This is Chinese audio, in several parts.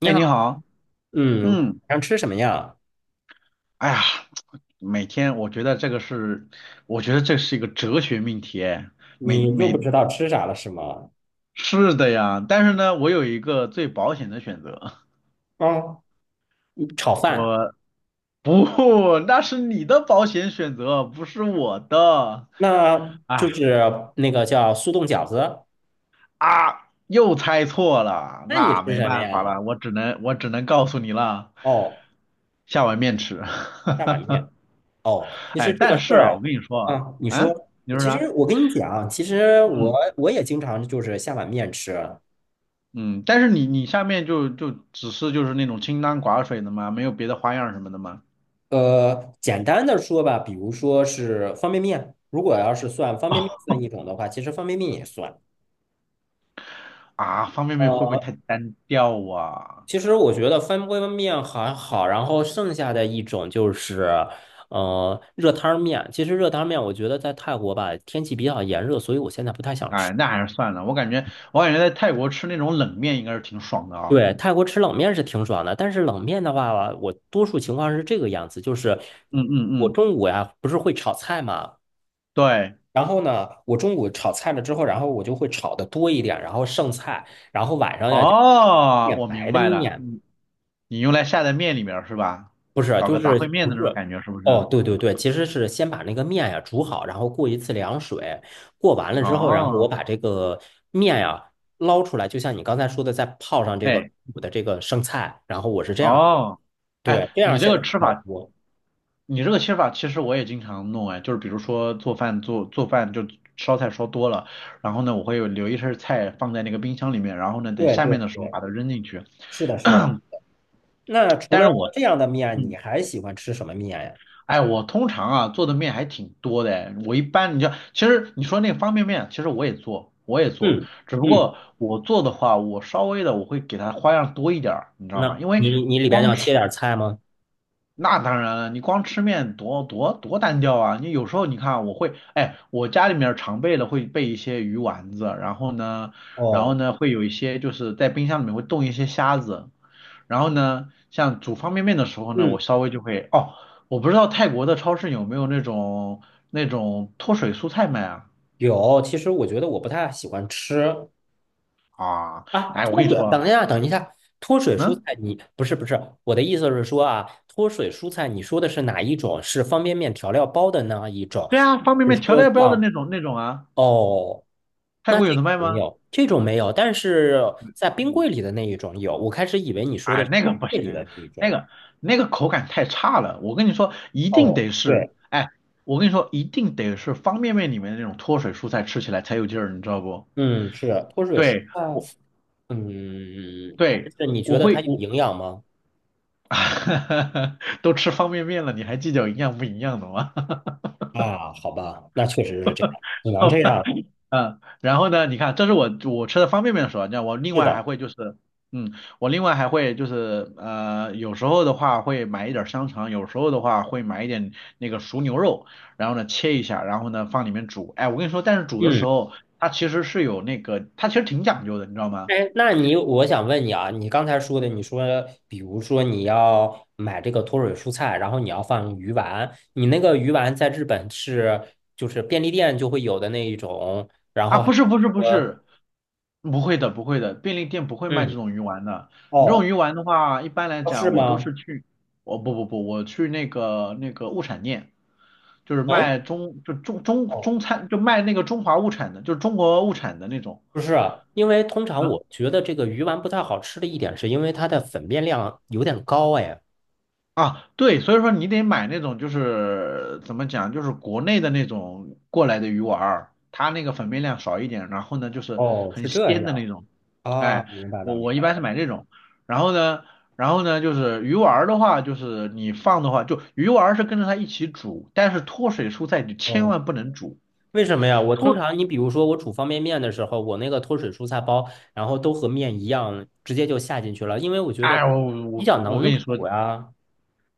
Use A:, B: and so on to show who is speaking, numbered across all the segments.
A: 你
B: 哎，
A: 好，
B: 你好，
A: 嗯，晚
B: 嗯，
A: 上吃什么呀？
B: 哎呀，每天我觉得这个是，我觉得这是一个哲学命题，哎，每
A: 你又不
B: 每
A: 知道吃啥了是吗？
B: 是的呀，但是呢，我有一个最保险的选择。
A: 嗯，炒 饭，
B: 我不，那是你的保险选择，不是我的。
A: 那
B: 哎，
A: 就是那个叫速冻饺子。
B: 啊，又猜错了，
A: 那你
B: 那
A: 吃
B: 没
A: 什么
B: 办法
A: 呀？
B: 了，我只能告诉你了。
A: 哦，
B: 下碗面吃。哈
A: 下
B: 哈
A: 碗面。
B: 哈。
A: 哦，其实
B: 哎，
A: 这个
B: 但
A: 事
B: 是
A: 儿
B: 啊，我跟你
A: 啊，
B: 说，
A: 啊，你
B: 啊，嗯，
A: 说，
B: 你说
A: 其实
B: 啥？
A: 我跟你讲，其实我
B: 嗯。
A: 我也经常就是下碗面吃。
B: 嗯，但是你下面只是就是那种清汤寡水的吗？没有别的花样什么的吗？
A: 简单的说吧，比如说是方便面，如果要是算方便面算
B: 哦，
A: 一种的话，其实方便面也算。
B: 啊，方便面会不会
A: 呃。
B: 太单调啊？
A: 其实我觉得翻锅面还好，然后剩下的一种就是，热汤面。其实热汤面，我觉得在泰国吧，天气比较炎热，所以我现在不太想吃。
B: 哎，那还是算了，我感觉在泰国吃那种冷面应该是挺爽的啊。
A: 对，泰国吃冷面是挺爽的，但是冷面的话，我多数情况是这个样子，就是
B: 嗯嗯
A: 我
B: 嗯，
A: 中午呀，不是会炒菜嘛，
B: 对，
A: 然后呢，我中午炒菜了之后，然后我就会炒的多一点，然后剩菜，然后晚上呀就
B: 哦，
A: 点
B: 我
A: 白
B: 明
A: 的
B: 白了，
A: 面，
B: 你用来下在面里面儿是吧？
A: 不是，
B: 搞
A: 就
B: 个杂烩
A: 是
B: 面
A: 不
B: 的那种
A: 是。
B: 感觉是不是？
A: 哦，对对对，其实是先把那个面呀煮好，然后过一次凉水，过完了之后，然后我
B: 哦。
A: 把这个面呀捞出来，就像你刚才说的，再泡上这个
B: 哎。
A: 煮的这个剩菜，然后我是这样的，
B: 哦。哎，
A: 对，这样
B: 你这
A: 现在
B: 个
A: 比
B: 吃
A: 较
B: 法。
A: 多。
B: 你这个切法其实我也经常弄哎，就是比如说做饭就烧菜烧多了，然后呢我会有留一些菜放在那个冰箱里面，然后呢等
A: 对
B: 下面
A: 对
B: 的时候
A: 对，
B: 把它扔进去。
A: 是的，是的。那 除
B: 但
A: 了
B: 是我，
A: 这样的面，
B: 嗯，
A: 你还喜欢吃什么面呀？
B: 哎我通常啊做的面还挺多的哎，我一般你知道其实你说那个方便面，其实我也做，
A: 嗯
B: 只不
A: 嗯，
B: 过我做的话我稍微的我会给它花样多一点儿，你知道
A: 那
B: 吗？因为
A: 你里边要切点菜吗？
B: 那当然了，你光吃面多单调啊！你有时候你看，我会，哎，我家里面儿常备的会备一些鱼丸子，然后呢，然后
A: 哦，
B: 呢会有一些就是在冰箱里面会冻一些虾子，然后呢，像煮方便面的时候呢，
A: 嗯，
B: 我稍微就会，哦，我不知道泰国的超市有没有那种脱水蔬菜卖啊？
A: 有。其实我觉得我不太喜欢吃，
B: 啊，
A: 啊，
B: 哎，我跟
A: 脱
B: 你
A: 水，等
B: 说，
A: 一下，等一下，脱水蔬
B: 嗯，
A: 菜你，不是不是，我的意思是说啊，脱水蔬菜，你说的是哪一种？是方便面调料包的那一种？
B: 对啊，方便
A: 是
B: 面调
A: 说
B: 料包的
A: 像
B: 那种啊，
A: 哦，
B: 泰
A: 那
B: 国
A: 这
B: 有的
A: 个
B: 卖
A: 没
B: 吗？
A: 有，这种没有，但是在冰
B: 嗯。
A: 柜里的那一种有。我开始以为你说的
B: 哎，
A: 是
B: 那个不
A: 柜里
B: 行，
A: 的那一
B: 那
A: 种。
B: 个那个口感太差了。我跟你说，一定
A: 哦，
B: 得是，
A: 对，
B: 哎，我跟你说，一定得是方便面里面的那种脱水蔬菜，吃起来才有劲儿，你知道不？
A: 嗯，是脱水蔬
B: 对，我
A: 菜，嗯，
B: 对
A: 但是你觉
B: 我
A: 得它
B: 会
A: 有
B: 我
A: 营养吗？
B: 都吃方便面了，你还计较营养不营养的吗？
A: 啊，好吧，那确实是这样，只能
B: 好
A: 这样
B: 吧。
A: 了。
B: 嗯，然后呢，你看，这是我吃的方便面的时候，你知道，我另
A: 是
B: 外
A: 的。
B: 还会就是，嗯，我另外还会就是，呃，有时候的话会买一点儿香肠，有时候的话会买一点那个熟牛肉，然后呢切一下，然后呢放里面煮。哎，我跟你说，但是煮的时
A: 嗯。
B: 候它其实是有那个，它其实挺讲究的，你知道吗？
A: 哎，那你我想问你啊，你刚才说的，你说比如说你要买这个脱水蔬菜，然后你要放鱼丸，你那个鱼丸在日本是就是便利店就会有的那一种，然
B: 啊，
A: 后还
B: 不是不是不
A: 说
B: 是，不会的不会的，便利店不会卖这
A: 嗯
B: 种鱼丸的。你这种
A: 哦
B: 鱼丸的话，一般来
A: 是
B: 讲我都
A: 吗？
B: 是去，我不不不，我去那个物产店，就是
A: 嗯
B: 卖中就中中
A: 哦
B: 中餐，就卖那个中华物产的，就是中国物产的那种。
A: 不是啊因为通常
B: 啊，
A: 我觉得这个鱼丸不太好吃的一点是因为它的粉面量有点高哎。
B: 啊，对，所以说你得买那种就是怎么讲，就是国内的那种过来的鱼丸儿，它那个粉面量少一点，然后呢就是
A: 哦，
B: 很
A: 是这
B: 鲜的那
A: 样。
B: 种。
A: 啊，
B: 哎，
A: 明白了，
B: 我
A: 明
B: 我一
A: 白
B: 般是
A: 了。
B: 买这种，然后呢，然后呢就是鱼丸儿的话，就是你放的话，就鱼丸儿是跟着它一起煮，但是脱水蔬菜你千
A: 哦，
B: 万不能煮。
A: 为什么呀？我通
B: 脱，
A: 常，你比如说我煮方便面的时候，我那个脱水蔬菜包，然后都和面一样，直接就下进去了，因为我觉得
B: 哎，我我
A: 比较
B: 我
A: 能
B: 跟你说，
A: 煮呀。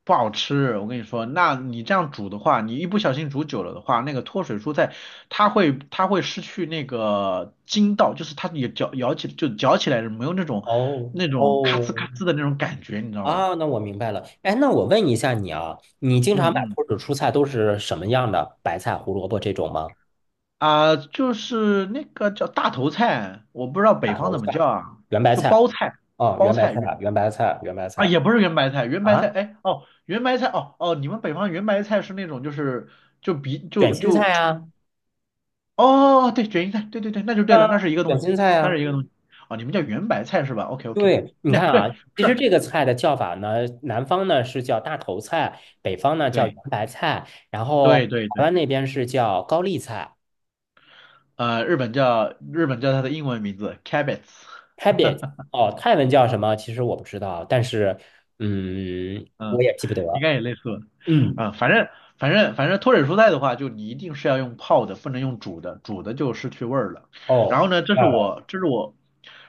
B: 不好吃，我跟你说，那你这样煮的话，你一不小心煮久了的话，那个脱水蔬菜它会失去那个筋道，就是它也嚼咬起就嚼起来没有那种
A: 哦
B: 那种咔呲咔
A: 哦
B: 呲的那种感觉，你知道吗？
A: 啊，那我明白了。哎，那我问一下你啊，你经
B: 嗯
A: 常买
B: 嗯，
A: 脱水蔬菜都是什么样的？白菜、胡萝卜这种吗？
B: 啊、就是那个叫大头菜，我不知道北
A: 大
B: 方
A: 头
B: 怎么
A: 菜、
B: 叫啊，
A: 圆白
B: 就
A: 菜。
B: 包菜，
A: 哦，
B: 包
A: 圆白
B: 菜
A: 菜、
B: 原
A: 圆白菜、圆白
B: 啊
A: 菜
B: 也不是圆白菜，圆白菜
A: 啊，
B: 哎哦圆白菜哦哦，你们北方圆白菜是那种就是就比
A: 卷
B: 就
A: 心菜
B: 就
A: 啊，
B: 哦，对，卷心菜，对对对，那就对了，那
A: 啊，
B: 是一个东
A: 卷
B: 西，
A: 心菜
B: 那是
A: 啊。
B: 一个东西。哦，你们叫圆白菜是吧？OK OK。
A: 对，你
B: 那
A: 看啊，
B: 对，
A: 其实
B: 是，
A: 这个菜的叫法呢，南方呢是叫大头菜，北方呢叫圆
B: 对
A: 白菜，然后
B: 对对
A: 台
B: 对，
A: 湾那边是叫高丽菜，
B: 呃，日本叫它的英文名字 cabbage。
A: 台北哦，泰文叫什么？其实我不知道，但是嗯，我
B: 嗯，
A: 也记不
B: 应
A: 得。
B: 该也类似吧。
A: 嗯，
B: 啊、反正脱水蔬菜的话，就你一定是要用泡的，不能用煮的，煮的就失去味儿了。然
A: 哦，
B: 后呢，
A: 坏了。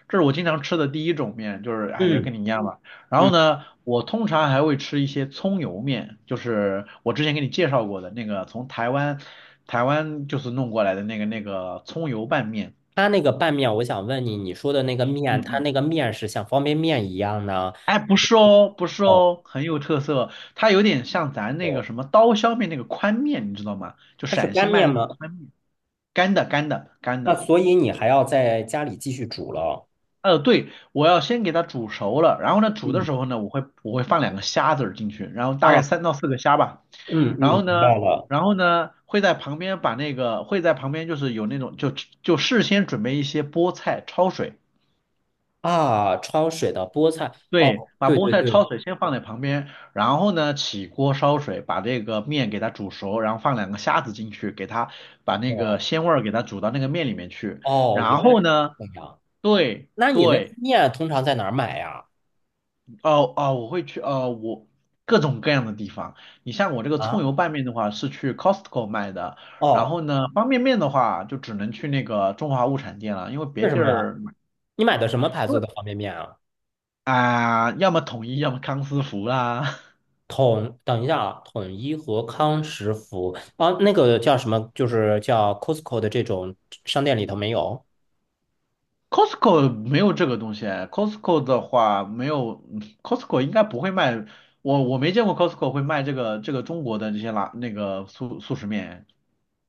B: 这是我经常吃的第一种面，就是哎也是
A: 嗯
B: 跟你一样吧。然后
A: 嗯，
B: 呢，我通常还会吃一些葱油面，就是我之前给你介绍过的那个从台湾就是弄过来的那个葱油拌面。
A: 它那个拌面，我想问你，你说的那个
B: 嗯
A: 面，它
B: 嗯，
A: 那个面是像方便面一样呢？
B: 哎，不是哦，不是
A: 哦
B: 哦，很有特色。它有点像咱那个
A: 哦，
B: 什么刀削面那个宽面，你知道吗？就
A: 它是
B: 陕西
A: 干
B: 卖
A: 面
B: 的那种
A: 吗？
B: 宽面。干的，干的，干
A: 那
B: 的。
A: 所以你还要在家里继续煮了。
B: 呃，对，我要先给它煮熟了，然后呢，煮的
A: 嗯。
B: 时候呢，我会放2个虾子儿进去，然后大概
A: 啊。
B: 3到4个虾吧。
A: 嗯
B: 然后
A: 嗯，明白
B: 呢，
A: 了
B: 然后呢，会在旁边就是有那种事先准备一些菠菜焯水。
A: 啊，焯水的菠菜，
B: 对，
A: 哦，
B: 把
A: 对
B: 菠
A: 对
B: 菜
A: 对，
B: 焯水先放在旁边，然后呢，起锅烧水，把这个面给它煮熟，然后放两个虾子进去，给它把那个
A: 哦
B: 鲜味儿给它煮到那个面里面去。
A: 哦，
B: 然
A: 原来
B: 后
A: 是
B: 呢，
A: 这样。
B: 对
A: 那你那个
B: 对，
A: 面通常在哪儿买呀？
B: 哦哦，我会去，哦，我各种各样的地方。你像我这个葱
A: 啊，
B: 油拌面的话，是去 Costco 卖的，然
A: 哦，
B: 后呢，方便面的话就只能去那个中华物产店了，因为别
A: 为什
B: 地
A: 么呀？
B: 儿买。
A: 你买的什么牌
B: 因
A: 子
B: 为
A: 的方便面啊？
B: 啊、要么统一，要么康师傅啦。
A: 统，等一下啊，统一和康师傅啊，那个叫什么？就是叫 Costco 的这种商店里头没有。
B: Costco 没有这个东西， c o s t c o 的话没有， c o s t c o 应该不会卖，我没见过 Costco 会卖这个中国的这些拉那个速食面。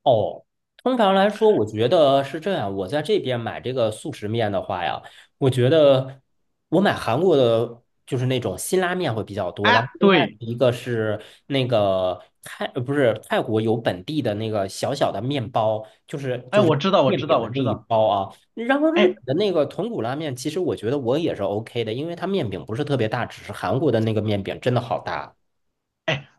A: 哦，通常来说，我觉得是这样。我在这边买这个速食面的话呀，我觉得我买韩国的，就是那种辛拉面会比较多。然后
B: 哎，
A: 另外
B: 对，
A: 一个是那个泰，不是泰国有本地的那个小小的面包，就是
B: 哎，
A: 就是
B: 我知道，我
A: 面
B: 知道，
A: 饼的
B: 我
A: 那
B: 知
A: 一
B: 道。
A: 包啊。然后日
B: 哎，
A: 本的那个豚骨拉面，其实我觉得我也是 OK 的，因为它面饼不是特别大，只是韩国的那个面饼真的好大。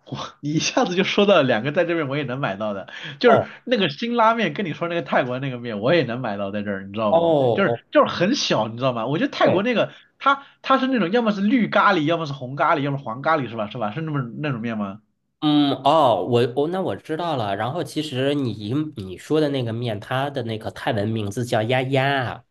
B: 我你一下子就说到了两个在这边我也能买到的，就是
A: 哦
B: 那个辛拉面跟你说那个泰国那个面我也能买到在这儿，你知道
A: 哦
B: 不？就
A: 哦，
B: 是就是很小，你知道吗？我觉得泰国
A: 对。
B: 那个它是那种要么是绿咖喱，要么是红咖喱，要么黄咖喱是吧？是吧？是那么那种面吗？
A: 嗯，哦，那我知道了。然后其实你说的那个面，它的那个泰文名字叫丫丫，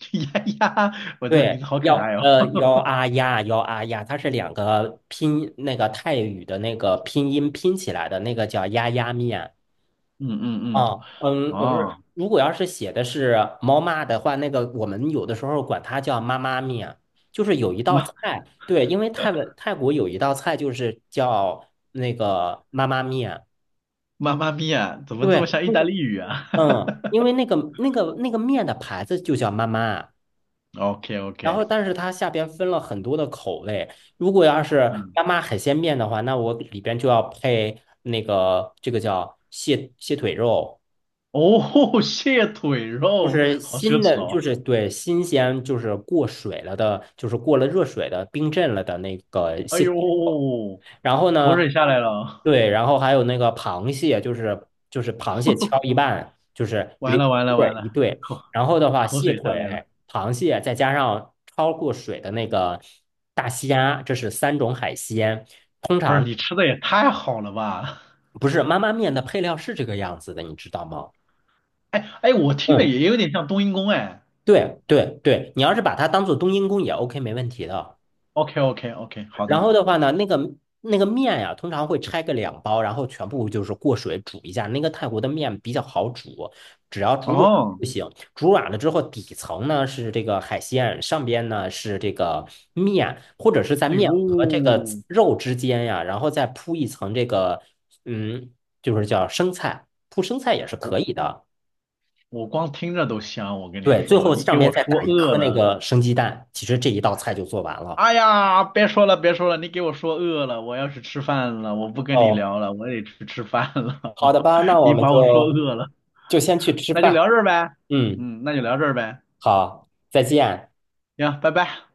B: 呀呀，我这
A: 对，
B: 名字好可爱哦。
A: 幺啊呀幺啊呀，它是两个拼那个泰语的那个拼音拼起来的那个叫丫丫面。
B: 嗯嗯
A: 啊，嗯，
B: 嗯，
A: 不是，
B: 哦，
A: 如果要是写的是猫妈的话，那个我们有的时候管它叫妈妈面，就是有一道
B: 妈
A: 菜，对，因为泰文泰国有一道菜就是叫那个妈妈面。
B: 妈咪呀，怎么这么
A: 对，
B: 像意
A: 那
B: 大
A: 个。
B: 利语啊
A: 嗯，因为那个面的牌子就叫妈妈，
B: ？OK
A: 然
B: OK。
A: 后但是它下边分了很多的口味。如果要是
B: 嗯，
A: 妈妈海鲜面的话，那我里边就要配那个这个叫蟹腿肉，
B: 哦，蟹腿
A: 就
B: 肉，
A: 是
B: 好奢
A: 新
B: 侈
A: 的，就
B: 哦。
A: 是对新鲜，就是过水了的，就是过了热水的冰镇了的那个
B: 哎
A: 蟹
B: 呦，
A: 腿然后
B: 口
A: 呢，
B: 水下来了哦，
A: 对，然后还有那个螃蟹，就是螃蟹敲一 半，就是
B: 完
A: 两
B: 了完了完
A: 对一
B: 了，
A: 对，
B: 口
A: 然后的话，
B: 口
A: 蟹
B: 水下来了。
A: 腿、螃蟹再加上焯过水的那个大虾，这是三种海鲜。通
B: 不是
A: 常
B: 你吃的也太好了吧？
A: 不是妈妈面的配料是这个样子的，你知道吗？
B: 哎哎，我听着
A: 嗯，
B: 也有点像冬阴功哎。
A: 对对对，你要是把它当做冬阴功也 OK，没问题的。
B: OK OK OK，好
A: 然
B: 的。
A: 后的话呢，那个面呀、通常会拆个两包，然后全部就是过水煮一下。那个泰国的面比较好煮，只要煮软
B: 哦，
A: 就行。煮软了之后，底层呢是这个海鲜，上边呢是这个面，或者是在
B: 哎呦，
A: 面和这个
B: 我
A: 肉之间呀，然后再铺一层这个，嗯，就是叫生菜，铺生菜也是可以的。
B: 我光听着都香，我跟你
A: 对，最
B: 说，
A: 后
B: 你给
A: 上
B: 我
A: 边再
B: 说
A: 打一
B: 饿
A: 颗那
B: 了。
A: 个生鸡蛋，其实这一道菜就做完了。
B: 哎呀，别说了，别说了，你给我说饿了，我要去吃饭了，我不跟你
A: 哦，
B: 聊了，我得去吃饭了。
A: 好的吧，那 我
B: 你
A: 们
B: 把我说
A: 就
B: 饿了，
A: 就先去吃
B: 那就
A: 饭。
B: 聊这儿呗。
A: 嗯，
B: 嗯，那就聊这儿呗。
A: 好，再见。
B: 行，拜拜。